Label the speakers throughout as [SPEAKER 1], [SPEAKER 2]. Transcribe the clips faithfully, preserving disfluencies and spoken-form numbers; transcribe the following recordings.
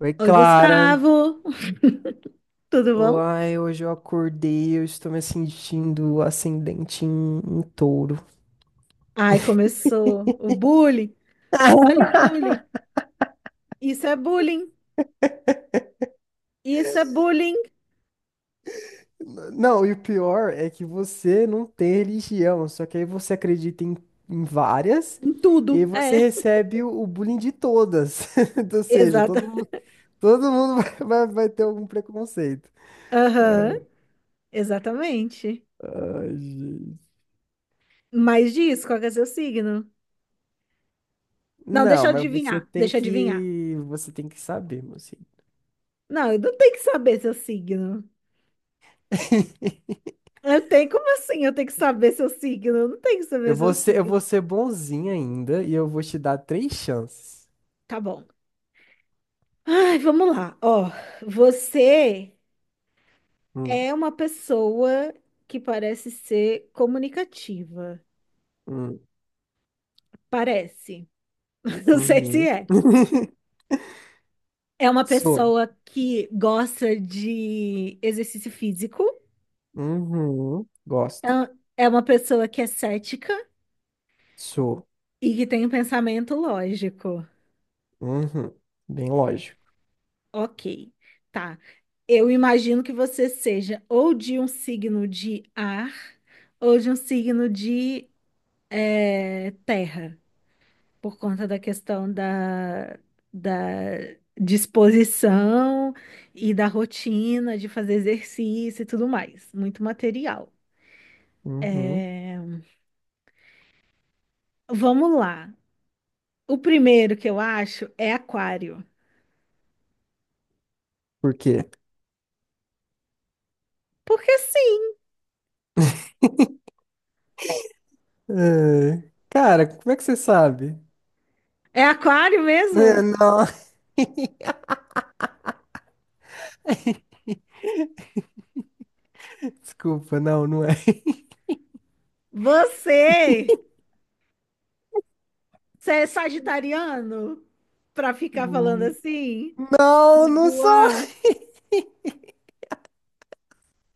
[SPEAKER 1] Oi,
[SPEAKER 2] Oi,
[SPEAKER 1] Clara.
[SPEAKER 2] Gustavo! Tudo bom?
[SPEAKER 1] Ai, hoje eu acordei, eu estou me sentindo ascendente em, em touro.
[SPEAKER 2] Ai, começou o bullying. Olha o bullying. Isso é bullying. Isso é bullying
[SPEAKER 1] Não, e o pior é que você não tem religião, só que aí você acredita em, em várias,
[SPEAKER 2] em
[SPEAKER 1] e aí
[SPEAKER 2] tudo.
[SPEAKER 1] você
[SPEAKER 2] É.
[SPEAKER 1] recebe o, o bullying de todas. Ou seja, todo
[SPEAKER 2] Exata.
[SPEAKER 1] mundo, todo mundo vai, vai vai ter algum preconceito.
[SPEAKER 2] Aham, exatamente.
[SPEAKER 1] Ai, gente.
[SPEAKER 2] Mais disso, qual que é seu signo? Não, deixa
[SPEAKER 1] Não,
[SPEAKER 2] eu
[SPEAKER 1] mas você
[SPEAKER 2] adivinhar.
[SPEAKER 1] tem
[SPEAKER 2] Deixa eu adivinhar.
[SPEAKER 1] que, você tem que saber, mocinho.
[SPEAKER 2] Não, eu não tenho que saber seu signo. Eu tenho, como assim? Eu tenho que saber seu signo? Eu não tenho que
[SPEAKER 1] Eu
[SPEAKER 2] saber seu
[SPEAKER 1] vou ser, eu vou
[SPEAKER 2] signo.
[SPEAKER 1] ser bonzinho ainda e eu vou te dar três chances.
[SPEAKER 2] Tá bom. Ai, vamos lá. Ó, você
[SPEAKER 1] Hum,
[SPEAKER 2] é uma pessoa que parece ser comunicativa.
[SPEAKER 1] hum,
[SPEAKER 2] Parece. Não sei se
[SPEAKER 1] uhum.
[SPEAKER 2] é. É uma
[SPEAKER 1] Sou.
[SPEAKER 2] pessoa que gosta de exercício físico.
[SPEAKER 1] Uhum. Gosto.
[SPEAKER 2] É é uma pessoa que é cética
[SPEAKER 1] Sou.
[SPEAKER 2] e que tem um pensamento lógico.
[SPEAKER 1] Uhum. Bem lógico.
[SPEAKER 2] Ok, tá. Eu imagino que você seja ou de um signo de ar ou de um signo de eh, terra. Por conta da questão da, da disposição e da rotina de fazer exercício e tudo mais. Muito material.
[SPEAKER 1] Uhum.
[SPEAKER 2] Vamos lá. O primeiro que eu acho é aquário.
[SPEAKER 1] Por quê?
[SPEAKER 2] Porque sim,
[SPEAKER 1] É, cara, como é que você sabe?
[SPEAKER 2] é aquário
[SPEAKER 1] É,
[SPEAKER 2] mesmo?
[SPEAKER 1] não. Desculpa, não, não é.
[SPEAKER 2] Você, você é sagitariano? Pra ficar falando
[SPEAKER 1] Hum,
[SPEAKER 2] assim?
[SPEAKER 1] Não,
[SPEAKER 2] Me
[SPEAKER 1] não sou.
[SPEAKER 2] zoar?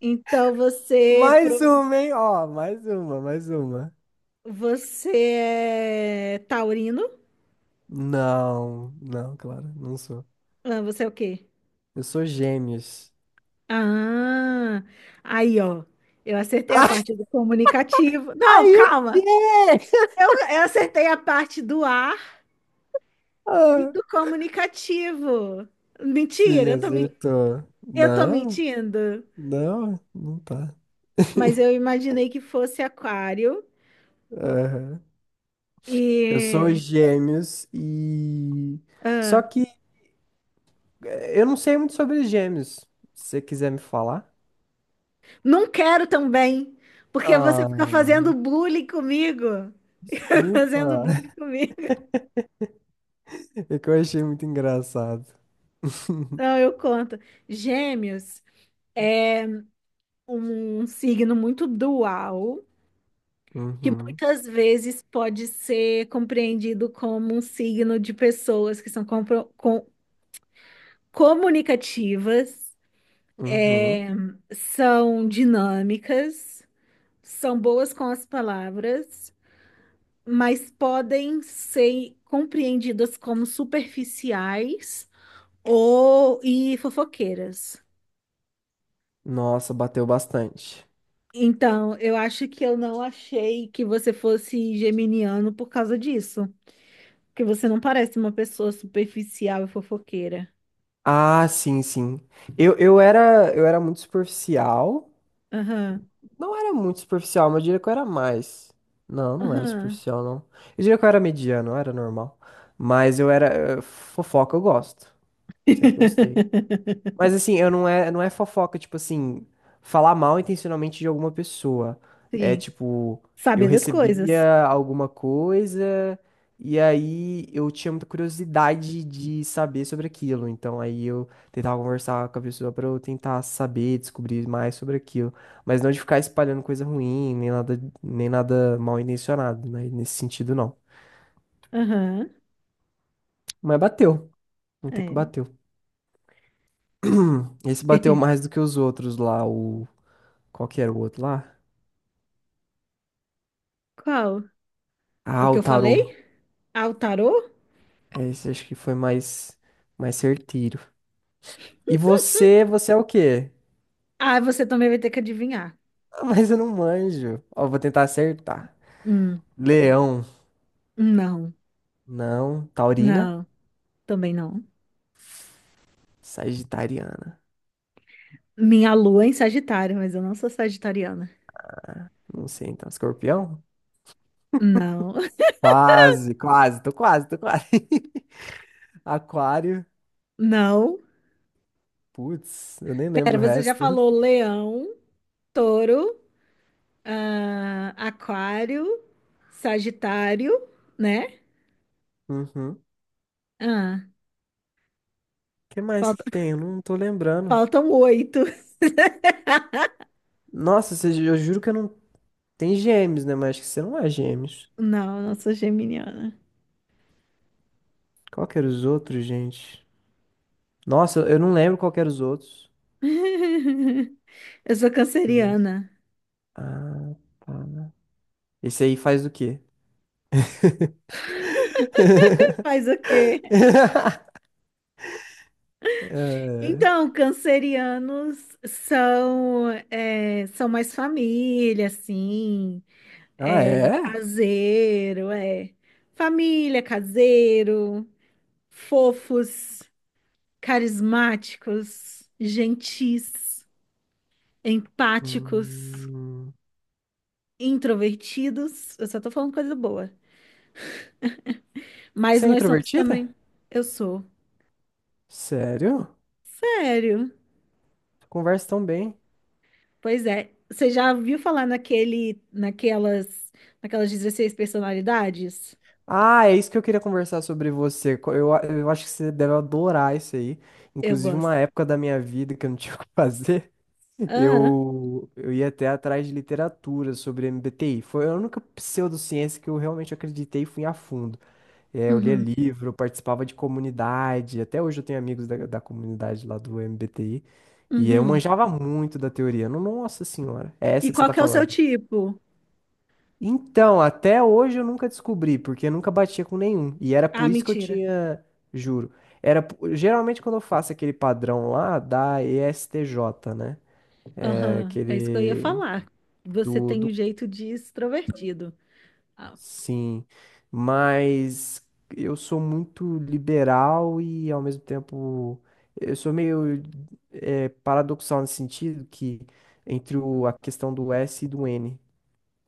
[SPEAKER 2] Então você,
[SPEAKER 1] Mais
[SPEAKER 2] pro-
[SPEAKER 1] uma, hein? Ó, mais uma, mais uma.
[SPEAKER 2] você é taurino?
[SPEAKER 1] Não, não, claro, não sou.
[SPEAKER 2] Ah, você é o quê?
[SPEAKER 1] Eu sou gêmeos.
[SPEAKER 2] Ah, aí, ó. Eu acertei a parte do comunicativo.
[SPEAKER 1] Ah,
[SPEAKER 2] Não,
[SPEAKER 1] aí o
[SPEAKER 2] calma.
[SPEAKER 1] quê?
[SPEAKER 2] Eu, eu acertei a parte do ar e
[SPEAKER 1] Ah,
[SPEAKER 2] do comunicativo. Mentira,
[SPEAKER 1] sim,
[SPEAKER 2] eu tô, men-
[SPEAKER 1] acertou.
[SPEAKER 2] eu tô
[SPEAKER 1] Não,
[SPEAKER 2] mentindo.
[SPEAKER 1] não, não tá.
[SPEAKER 2] Mas eu imaginei que fosse aquário
[SPEAKER 1] Aham. Eu sou
[SPEAKER 2] e.
[SPEAKER 1] gêmeos e. Só
[SPEAKER 2] ah,
[SPEAKER 1] que eh, eu não sei muito sobre gêmeos. Se você quiser me falar.
[SPEAKER 2] não quero também, porque você
[SPEAKER 1] Ah,
[SPEAKER 2] fica fazendo bullying comigo. Fazendo
[SPEAKER 1] desculpa.
[SPEAKER 2] bullying comigo.
[SPEAKER 1] É que eu achei muito engraçado.
[SPEAKER 2] Não, eu conto. Gêmeos é um signo muito dual. Que
[SPEAKER 1] Uhum,
[SPEAKER 2] muitas vezes pode ser compreendido como um signo de pessoas que são compro- com- comunicativas,
[SPEAKER 1] uhum.
[SPEAKER 2] é, são dinâmicas, são boas com as palavras, mas podem ser compreendidas como superficiais ou e fofoqueiras.
[SPEAKER 1] Nossa, bateu bastante.
[SPEAKER 2] Então, eu acho que eu não achei que você fosse geminiano por causa disso, porque você não parece uma pessoa superficial e fofoqueira.
[SPEAKER 1] Ah, sim, sim. Eu, eu era eu era muito superficial.
[SPEAKER 2] Aham,
[SPEAKER 1] Não era muito superficial, mas eu diria que eu era mais. Não, não era
[SPEAKER 2] aham.
[SPEAKER 1] superficial, não. Eu diria que eu era mediano, eu era normal. Mas eu era eh, fofoca, eu gosto. Sempre gostei. Mas assim, eu não é, não é fofoca, tipo assim, falar mal intencionalmente de alguma pessoa. É
[SPEAKER 2] Sim.
[SPEAKER 1] tipo, eu
[SPEAKER 2] Sabe das coisas.
[SPEAKER 1] recebia alguma coisa e aí eu tinha muita curiosidade de saber sobre aquilo. Então aí eu tentava conversar com a pessoa pra eu tentar saber, descobrir mais sobre aquilo, mas não de ficar espalhando coisa ruim, nem nada, nem nada mal intencionado, né? Nesse sentido não.
[SPEAKER 2] Aham,
[SPEAKER 1] Mas bateu, não tem que
[SPEAKER 2] é.
[SPEAKER 1] bateu. Hum, Esse bateu mais do que os outros lá, o qual que era o outro lá?
[SPEAKER 2] Qual? O
[SPEAKER 1] Ah,
[SPEAKER 2] que
[SPEAKER 1] o
[SPEAKER 2] eu
[SPEAKER 1] tarô.
[SPEAKER 2] falei? Ah, o tarô?
[SPEAKER 1] É, esse acho que foi mais, mais certeiro. E você, você é o quê?
[SPEAKER 2] Ah, você também vai ter que adivinhar.
[SPEAKER 1] Ah, mas eu não manjo. Ó, vou tentar acertar.
[SPEAKER 2] Hum,
[SPEAKER 1] Leão.
[SPEAKER 2] não,
[SPEAKER 1] Não. Taurina.
[SPEAKER 2] não, também não.
[SPEAKER 1] Sagitariana.
[SPEAKER 2] Minha lua é em Sagitário, mas eu não sou sagitariana.
[SPEAKER 1] Não sei, então. Escorpião?
[SPEAKER 2] Não,
[SPEAKER 1] Quase, quase. Tô quase, tô quase. Aquário.
[SPEAKER 2] não.
[SPEAKER 1] Putz, eu nem lembro
[SPEAKER 2] Pera,
[SPEAKER 1] o
[SPEAKER 2] você já
[SPEAKER 1] resto.
[SPEAKER 2] falou leão, touro, ah, aquário, sagitário, né?
[SPEAKER 1] Uhum.
[SPEAKER 2] Ah,
[SPEAKER 1] Que mais
[SPEAKER 2] falta,
[SPEAKER 1] que tem? Eu não tô lembrando.
[SPEAKER 2] faltam oito.
[SPEAKER 1] Nossa, você- eu juro que eu não... Tem gêmeos, né? Mas acho que você não é gêmeos.
[SPEAKER 2] Não, não sou geminiana.
[SPEAKER 1] Qual que era os outros, gente? Nossa, eu não lembro qual que era os outros.
[SPEAKER 2] Eu sou
[SPEAKER 1] Deixa eu ver.
[SPEAKER 2] canceriana.
[SPEAKER 1] Ah, tá. Esse aí faz do quê?
[SPEAKER 2] Faz o quê?
[SPEAKER 1] É.
[SPEAKER 2] Então, cancerianos são, é, são mais família, assim,
[SPEAKER 1] Ah,
[SPEAKER 2] é,
[SPEAKER 1] é?
[SPEAKER 2] caseiro, é. Família, caseiro, fofos, carismáticos, gentis, empáticos,
[SPEAKER 1] Hum.
[SPEAKER 2] introvertidos. Eu só tô falando coisa boa. Mas
[SPEAKER 1] Você é
[SPEAKER 2] nós somos
[SPEAKER 1] introvertida?
[SPEAKER 2] também. Eu sou.
[SPEAKER 1] Sério?
[SPEAKER 2] Sério?
[SPEAKER 1] Conversa tão bem.
[SPEAKER 2] Pois é. Você já ouviu falar naquele, naquelas, naquelas dezesseis personalidades?
[SPEAKER 1] Ah, é isso que eu queria conversar sobre você. Co- Eu, a- eu acho que você deve adorar isso aí.
[SPEAKER 2] Eu
[SPEAKER 1] Inclusive, uma
[SPEAKER 2] gosto.
[SPEAKER 1] época da minha vida que eu não tinha o que fazer,
[SPEAKER 2] Ah,
[SPEAKER 1] eu, eu ia até atrás de literatura sobre M B T I. Foi a única pseudociência que eu realmente acreditei e fui a fundo. É, eu lia
[SPEAKER 2] uhum,
[SPEAKER 1] livro, participava de comunidade, até hoje eu tenho amigos da, da comunidade lá do M B T I, e eu
[SPEAKER 2] uhum.
[SPEAKER 1] manjava muito da teoria. No- Nossa senhora, é
[SPEAKER 2] E
[SPEAKER 1] essa que você
[SPEAKER 2] qual
[SPEAKER 1] tá
[SPEAKER 2] que é o seu
[SPEAKER 1] falando.
[SPEAKER 2] tipo?
[SPEAKER 1] Então, até hoje eu nunca descobri, porque eu nunca batia com nenhum, e era
[SPEAKER 2] Ah,
[SPEAKER 1] por isso que eu
[SPEAKER 2] mentira.
[SPEAKER 1] tinha, juro, era, po- geralmente quando eu faço aquele padrão lá da E S T J, né, é
[SPEAKER 2] Aham, é isso que eu ia
[SPEAKER 1] aquele...
[SPEAKER 2] falar. Você
[SPEAKER 1] do
[SPEAKER 2] tem o jeito de extrovertido. Ah,
[SPEAKER 1] Sim, mas eu sou muito liberal e ao mesmo tempo eu sou meio eh, paradoxal nesse sentido que entre o- a questão do S e do N.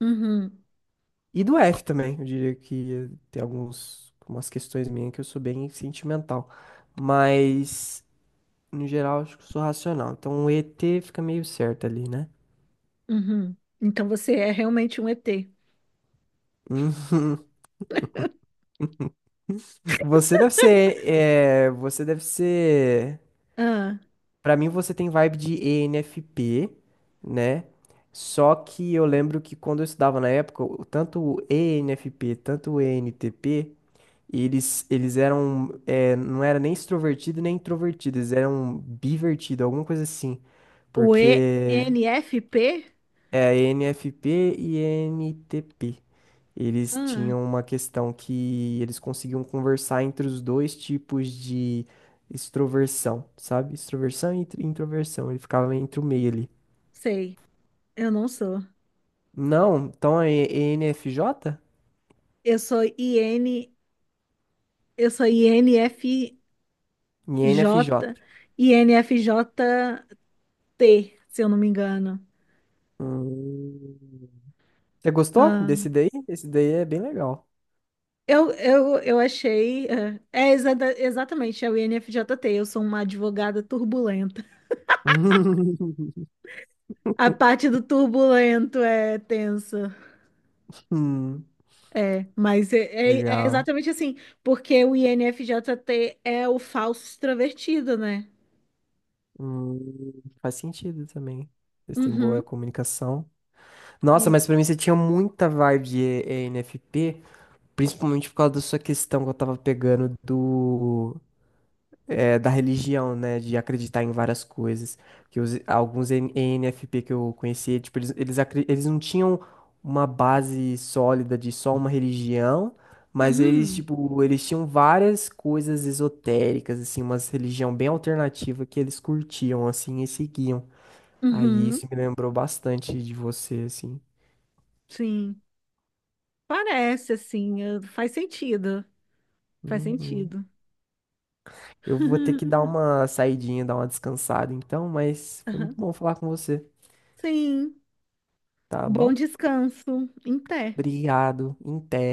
[SPEAKER 2] uhum,
[SPEAKER 1] E do F também, eu diria que tem alguns, algumas questões minhas que eu sou bem sentimental. Mas, no geral, acho que eu sou racional. Então o E T fica meio certo ali, né?
[SPEAKER 2] uhum. Então você é realmente um E T.
[SPEAKER 1] Hum. Você deve ser, eh, você deve ser.
[SPEAKER 2] Ah,
[SPEAKER 1] Pra mim, você tem vibe de E N F P, né? Só que eu lembro que quando eu estudava na época, o- tanto o E N F P, tanto o E N T P, eles, eles eram, é, não era nem extrovertido nem introvertido, eles eram bivertido, alguma coisa assim.
[SPEAKER 2] o
[SPEAKER 1] Porque
[SPEAKER 2] E N F P?
[SPEAKER 1] é a N F P e N T P. Eles
[SPEAKER 2] Ah,
[SPEAKER 1] tinham uma questão que eles conseguiam conversar entre os dois tipos de extroversão, sabe? Extroversão e intro- introversão. Ele ficava entre o meio ali.
[SPEAKER 2] sei. Eu não sou.
[SPEAKER 1] Não, então é E N F J?
[SPEAKER 2] Eu sou I N, eu sou I N F,
[SPEAKER 1] E N F J.
[SPEAKER 2] J-I N F J T, se eu não me engano.
[SPEAKER 1] Hum. Você gostou
[SPEAKER 2] Ah,
[SPEAKER 1] desse daí? Esse daí é bem legal.
[SPEAKER 2] eu, eu, eu achei. ah, É, exata- exatamente, é o I N F J T. Eu sou uma advogada turbulenta. A parte do turbulento é tensa.
[SPEAKER 1] Hum,
[SPEAKER 2] É, mas é, é- é
[SPEAKER 1] legal.
[SPEAKER 2] exatamente assim. Porque o I N F J T é o falso extrovertido, né?
[SPEAKER 1] Hum, faz sentido também. Vocês têm boa
[SPEAKER 2] Uhum.
[SPEAKER 1] comunicação. Nossa,
[SPEAKER 2] Isso.
[SPEAKER 1] mas pra mim você tinha muita vibe de E- ENFP, principalmente por causa da sua questão que eu tava pegando do, é, da religião, né? De acreditar em várias coisas. Que os- alguns E N- E N F P que eu conhecia, tipo, eles, eles, acre- eles não tinham uma base sólida de só uma religião, mas eles,
[SPEAKER 2] Uhum.
[SPEAKER 1] tipo, eles tinham várias coisas esotéricas, assim, umas religião bem alternativa que eles curtiam, assim, e seguiam. Aí
[SPEAKER 2] Uhum.
[SPEAKER 1] isso me lembrou bastante de você, assim.
[SPEAKER 2] Sim. Parece assim. eh, Faz sentido. Faz
[SPEAKER 1] Uhum.
[SPEAKER 2] sentido.
[SPEAKER 1] Eu vou ter que dar uma saidinha, dar uma descansada então, mas foi muito
[SPEAKER 2] Aham.
[SPEAKER 1] bom falar com você,
[SPEAKER 2] Sim.
[SPEAKER 1] tá
[SPEAKER 2] Bom
[SPEAKER 1] bom?
[SPEAKER 2] descanso. Em pé.
[SPEAKER 1] Obrigado, em té.